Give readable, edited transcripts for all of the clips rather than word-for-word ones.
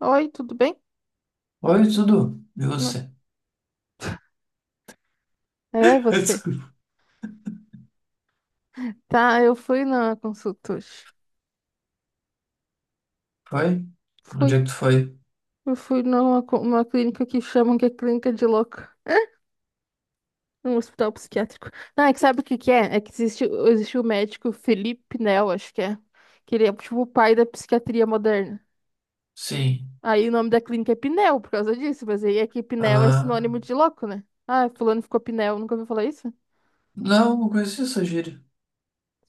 Oi, tudo bem? Oi, tudo? E você? É, você. Desculpa. Tá, eu fui na consulta hoje. Foi? Onde Fui. é que tu foi? Eu fui numa uma clínica que chamam que é clínica de louco. Um hospital psiquiátrico. Não, é que sabe o que que é? É que existe o médico Felipe Pinel, acho que é. Que ele é tipo o pai da psiquiatria moderna. Sim. Aí o nome da clínica é Pinel, por causa disso. Mas aí é que Pinel é Ah. sinônimo de louco, né? Ah, fulano ficou Pinel. Nunca ouviu falar isso? Não, não conhecia essa gíria.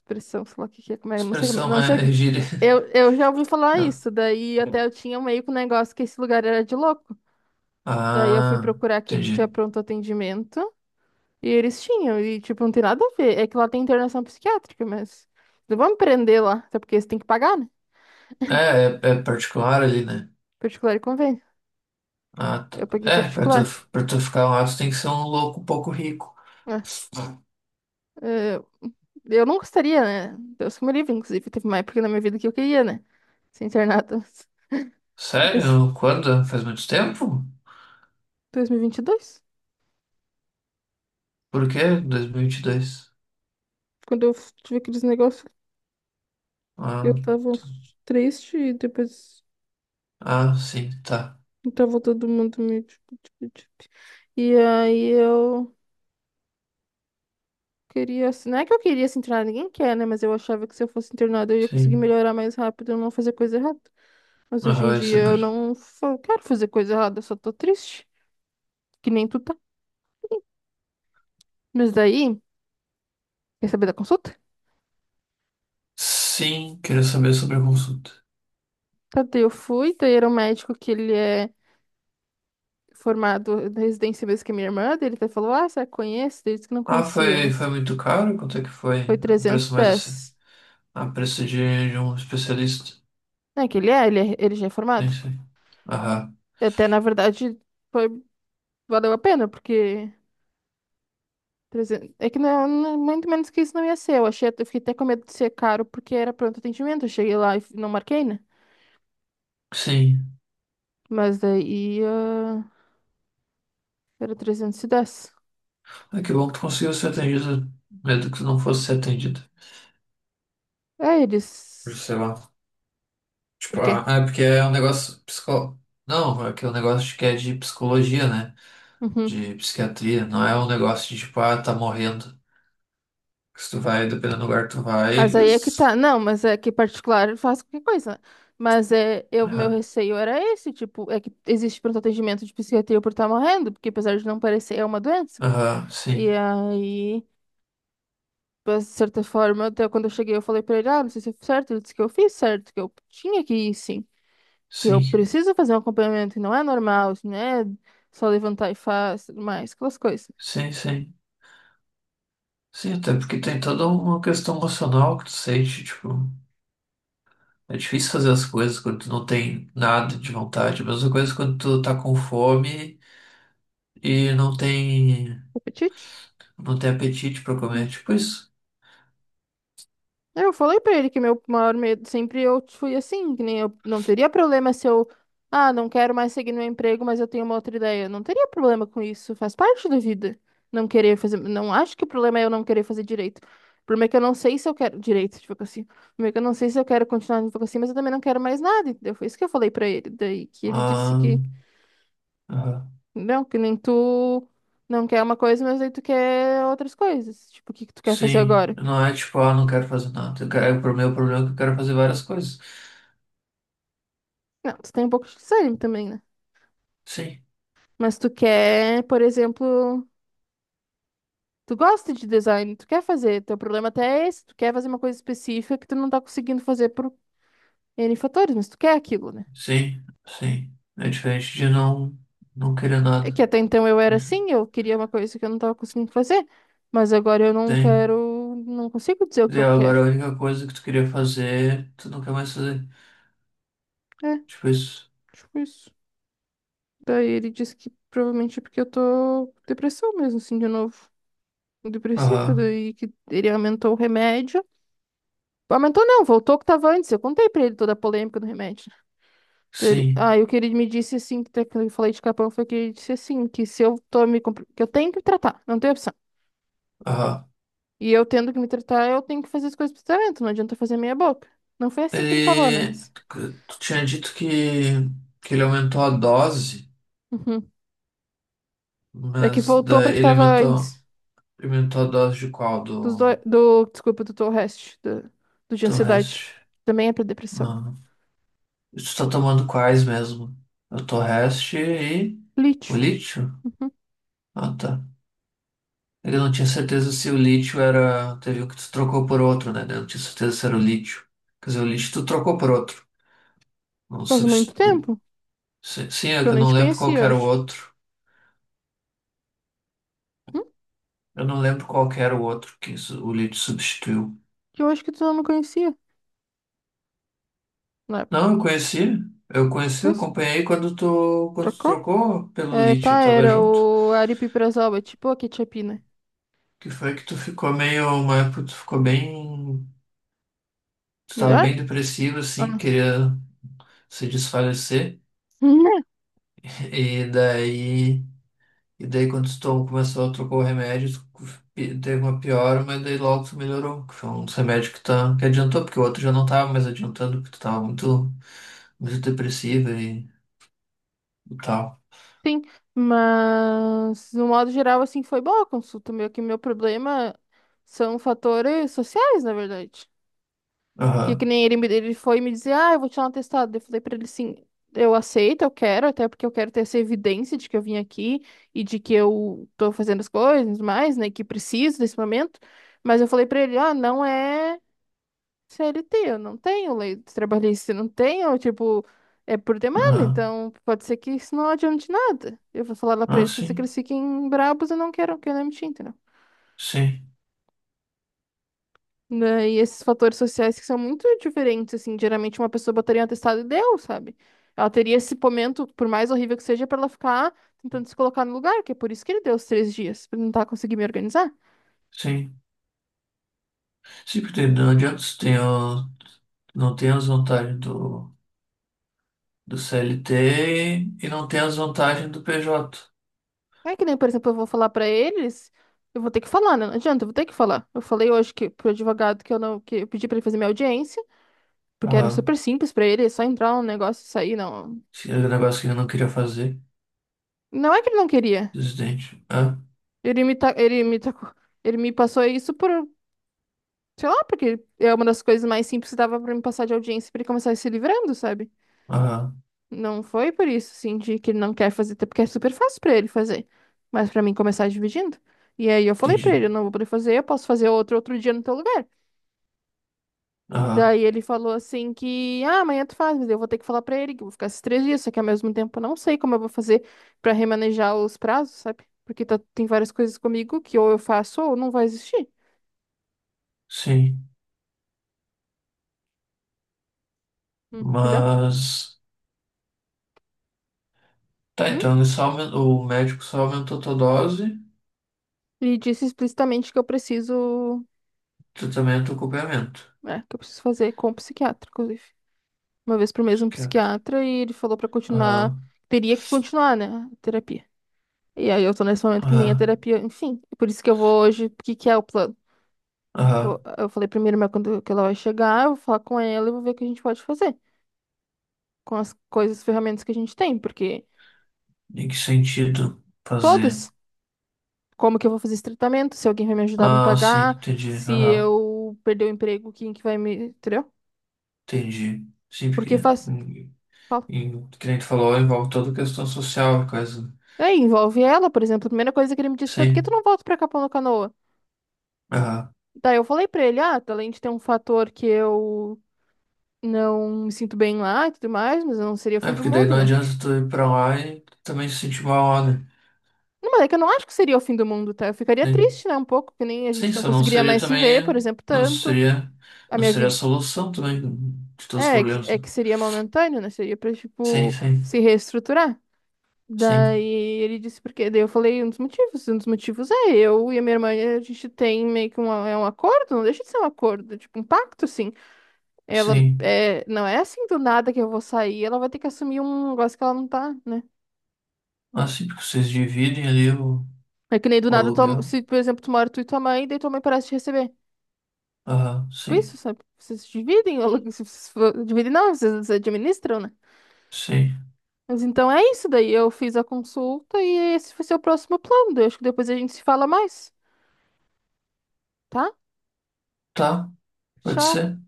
Pressão, sei lá o que que é, como é, não sei, Expressão não sei o é que. gíria. Eu, eu já ouvi falar Não. isso, daí até eu tinha meio que um negócio que esse lugar era de louco. Daí eu fui Ah, procurar quem que tinha entendi. pronto atendimento e eles tinham, e tipo, não tem nada a ver. É que lá tem internação psiquiátrica, mas não vão me prender lá, até porque eles têm que pagar, né? É, é, é particular ali, né? Particular e convênio. Ah, tá. Eu paguei É, pra tu, particular. pra tu ficar lá, tu tem que ser um louco um pouco rico. É, é, eu não gostaria, né? Deus que me livre, inclusive, teve uma época na minha vida que eu queria, né? Ser internada. Esse Sério? Quando? Faz muito tempo? 2022, Por quê? Dois mil e vinte e dois. quando eu tive aqueles negócios. Ah, Eu tava triste e depois ah, sim, tá. tava todo mundo meio tipo, tipo. E aí eu queria, assim, não é que eu queria se internar, ninguém quer, né? Mas eu achava que se eu fosse internada eu ia conseguir Sim. melhorar mais rápido, eu não fazer coisa errada. Mas hoje em Aham, isso dia eu mesmo. não quero fazer coisa errada, eu só tô triste, que nem tu tá. Mas daí, quer saber da consulta? Sim, queria saber sobre a consulta. Tá, daí eu fui, daí era um médico que ele é formado da residência mesmo que a minha irmã, daí ele até falou, ah, você conhece? Daí ele disse que não Ah, conhecia, foi mas muito caro? Quanto é que foi? foi O preço mais assim? 310. Ah, preço de um especialista. É que ele é, ele já é Sim, formado. sim. Aham. Até, na verdade, foi, valeu a pena, porque 300. É que muito menos que isso não ia ser. Eu achei, eu fiquei até com medo de ser caro, porque era pronto atendimento. Eu cheguei lá e não marquei, né? Sim. Mas daí, ah, era 310. Ah, que bom que tu conseguiu ser atendido, mesmo que tu não fosse ser atendido. É, eles... Sei lá. Por Tipo, quê? ah, é porque é um negócio psico... Não, é que é um negócio que é de psicologia, né? Uhum. De psiquiatria. Não é um negócio de, tipo, ah, tá morrendo. Que se tu vai, dependendo do lugar que tu vai, Mas aí é que eles... tá. Não, mas é que particular faz qualquer coisa. Mas é, eu, meu Aham, receio era esse, tipo, é que existe pronto atendimento de psiquiatria por estar morrendo, porque apesar de não parecer, é uma doença. aham, E sim. aí... Mas, de certa forma, até quando eu cheguei, eu falei pra ele, ah, não sei se eu fiz certo. Ele disse que eu fiz certo, que eu tinha que ir, sim. Que eu Sim, preciso fazer um acompanhamento, que não é normal, isso não é só levantar e faz, tudo mais, aquelas coisas. sim, sim. Sim, até porque tem toda uma questão emocional que tu sente, tipo, é difícil fazer as coisas quando tu não tem nada de vontade. A mesma coisa é quando tu tá com fome e Apetite? não tem apetite pra comer, tipo isso. Eu falei pra ele que meu maior medo sempre eu fui assim, que nem eu não teria problema se ah, não quero mais seguir meu emprego, mas eu tenho uma outra ideia. Não teria problema com isso, faz parte da vida. Não querer fazer, não acho que o problema é eu não querer fazer direito. O problema é que eu não sei se eu quero direito de advocacia. O problema é que eu não sei se eu quero continuar na advocacia, mas eu também não quero mais nada, entendeu? Foi isso que eu falei pra ele, daí que ele disse Ah, que ah, não, que nem tu não quer uma coisa, mas aí tu quer outras coisas. Tipo, o que que tu quer fazer sim, agora? não é tipo, ah, não quero fazer nada. Eu quero, o meu problema é que eu quero fazer várias coisas. Não, tu tem um pouco de desânimo também, né? Sim, Mas tu quer, por exemplo, tu gosta de design, tu quer fazer, teu problema até é esse, tu quer fazer uma coisa específica que tu não tá conseguindo fazer por N fatores, mas tu quer aquilo, né? sim, sim. É diferente de não querer É que nada. até então eu era assim, eu queria uma coisa que eu não tava conseguindo fazer, mas agora eu não Tem. quero, não consigo dizer o que E eu agora quero. a única coisa que tu queria fazer, tu não quer mais fazer. É, Tipo isso. tipo isso. Daí ele disse que provavelmente é porque eu tô com depressão mesmo, assim, de novo. Depressiva, Aham. daí que ele aumentou o remédio. Aumentou não, voltou o que tava antes. Eu contei pra ele toda a polêmica do remédio. Sim. Aí o que ele me disse assim, que até que eu falei de capão, foi que ele disse assim, que se eu que eu tenho que me tratar, não tem opção. Aham. E eu tendo que me tratar, eu tenho que fazer as coisas pro tratamento, não adianta eu fazer meia boca. Não foi assim que ele falou, né? Ele. Mas. Tu tinha dito que ele aumentou a dose, Uhum. É que mas voltou pra daí que ele tava aumentou, antes aumentou a dose de qual? Do, do desculpa, do de do ansiedade. Rest. Também é pra depressão. Ah. E tu tá tomando quais mesmo? Eu tô Rest e o Lítio. lítio? Uhum. Ah, tá. Ele não tinha certeza se o lítio era. Teve o que tu trocou por outro, né? Ele não tinha certeza se era o lítio. Quer dizer, o lítio tu trocou por outro. Não Faz muito substitu... tempo Sim, sim, é que que eu eu nem não te lembro qual conhecia, que eu era o acho. outro. Hum? Eu não lembro qual que era o outro que su- o Leeds substituiu. Que eu acho que tu não me conhecia na época. Não, eu conheci. Eu conheci, eu Certeza? acompanhei quando tu Trocou? trocou pelo É, Leeds, eu tá, tava era junto. o aripiprazol, é tipo a quetiapina. Que foi que tu ficou meio, uma época tu ficou bem, tu tava bem Melhor? depressivo assim, Ah. queria se desfalecer. Né? E daí, e daí quando tu tom- começou a trocar o remédio, tu pi- teve uma piora, mas daí logo tu melhorou. Que foi um dos remédios que, tá, que adiantou, porque o outro já não tava mais adiantando, porque tu tava muito, muito depressiva e tal. Sim, mas no modo geral, assim, foi boa a consulta. Meu, que meu problema são fatores sociais, na verdade. Porque que Aham, nem ele foi me dizer, ah, eu vou tirar um atestado. Eu falei pra ele, sim, eu aceito, eu quero, até porque eu quero ter essa evidência de que eu vim aqui e de que eu tô fazendo as coisas mais, né, que preciso desse momento. Mas eu falei pra ele, ah, não é. CLT, eu não tenho lei trabalhista, eu não tenho, tipo, é por demanda, aham. então pode ser que isso não adiante nada. Eu vou falar lá pra Ah, eles, pode ser que sim, eles fiquem brabos e não queiram que eu demiti, entendeu? sim, Né, e esses fatores sociais que são muito diferentes, assim, geralmente uma pessoa botaria um atestado e deu, sabe? Ela teria esse momento, por mais horrível que seja, pra ela ficar tentando se colocar no lugar, que é por isso que ele deu os 3 dias, pra tentar conseguir me organizar. sim. Sim, porque não adianta você ter, o- não tem as vantagens do CLT e não tem as vantagens do PJ. É que nem, por exemplo, eu vou falar pra eles, eu vou ter que falar, né? Não adianta, eu vou ter que falar. Eu falei hoje que pro advogado que eu não, que eu pedi pra ele fazer minha audiência, porque era Aham. super simples pra ele, é só entrar no negócio e sair, não. Esse era o negócio que eu não queria fazer, Não é que ele não queria. presidente. Ah, Ele me tacou, ele me passou isso por, sei lá, porque é uma das coisas mais simples que dava pra me passar de audiência pra ele começar a se livrando, sabe? aham, Não foi por isso, assim, de que ele não quer fazer, até porque é super fácil pra ele fazer, mas pra mim começar dividindo. E aí eu falei pra entendi. ele, eu não vou poder fazer, eu posso fazer outro dia no teu lugar. Aham, Daí ele falou assim que, ah, amanhã tu faz, mas eu vou ter que falar pra ele que eu vou ficar esses 3 dias, só que ao mesmo tempo eu não sei como eu vou fazer pra remanejar os prazos, sabe? Porque tá, tem várias coisas comigo que ou eu faço ou não vai existir. sim. Hum, entendeu? Mas, tá, Hum? então ele só aumen- o médico só aumentou a tua dose, E disse explicitamente que eu preciso, tratamento, e acompanhamento. é, que eu preciso fazer com o psiquiatra, inclusive. Uma vez por mês Isso um quieto. psiquiatra e ele falou pra continuar, Aham, teria que continuar, né, a terapia. E aí eu tô nesse momento que nem a aham, terapia, enfim, por isso que eu vou hoje, porque que é o plano? Aham. Eu falei primeiro, mas quando que ela vai chegar, eu vou falar com ela e vou ver o que a gente pode fazer com as coisas, ferramentas que a gente tem, porque Em que sentido fazer? todas, como que eu vou fazer esse tratamento, se alguém vai me ajudar a me Ah, sim, pagar, entendi. se Aham, eu perder o emprego, quem que vai me, entendeu? entendi. Sim, porque Porque faz, em, fala. Que nem tu falou, envolve toda a questão social, coisa. Né? Aí envolve ela, por exemplo, a primeira coisa que ele me disse foi, por que tu Sim. não volta pra Capão da Canoa? Aham. Daí eu falei pra ele, ah, tá, além de ter um fator que eu não me sinto bem lá e tudo mais, mas não seria o É, fim do porque daí mundo, não né? adianta tu ir pra lá e também se sentir mal, lá, né? Não, mas é que eu não acho que seria o fim do mundo, tá? Eu ficaria Sim. triste, né? Um pouco, que nem a Sim, gente não isso não conseguiria seria mais se ver, por também. exemplo, Não tanto. seria. A Não minha seria a vida. solução também de todos os É, problemas. é Né? que seria momentâneo, né? Seria pra, Sim, tipo, sim. se reestruturar. Daí Sim. ele disse por quê? Daí eu falei um dos motivos. Um dos motivos é eu e a minha irmã, a gente tem meio que uma, é um acordo, não deixa de ser um acordo, é tipo um pacto, assim. Ela Sim. é, não é assim do nada que eu vou sair, ela vai ter que assumir um negócio que ela não tá, né? Ah, sim, porque vocês dividem ali É que nem do o nada, aluguel. se, por exemplo, tu mora tu e tua mãe, daí tua mãe parece te receber. Aham, Tipo isso, sim. sabe? Vocês dividem, ou vocês dividem não, vocês administram, né? Sim. Mas então é isso daí. Eu fiz a consulta e esse vai ser o próximo plano. Daí eu acho que depois a gente se fala mais, tá? Tá, pode Tchau. ser.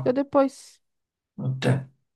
Até depois. Até.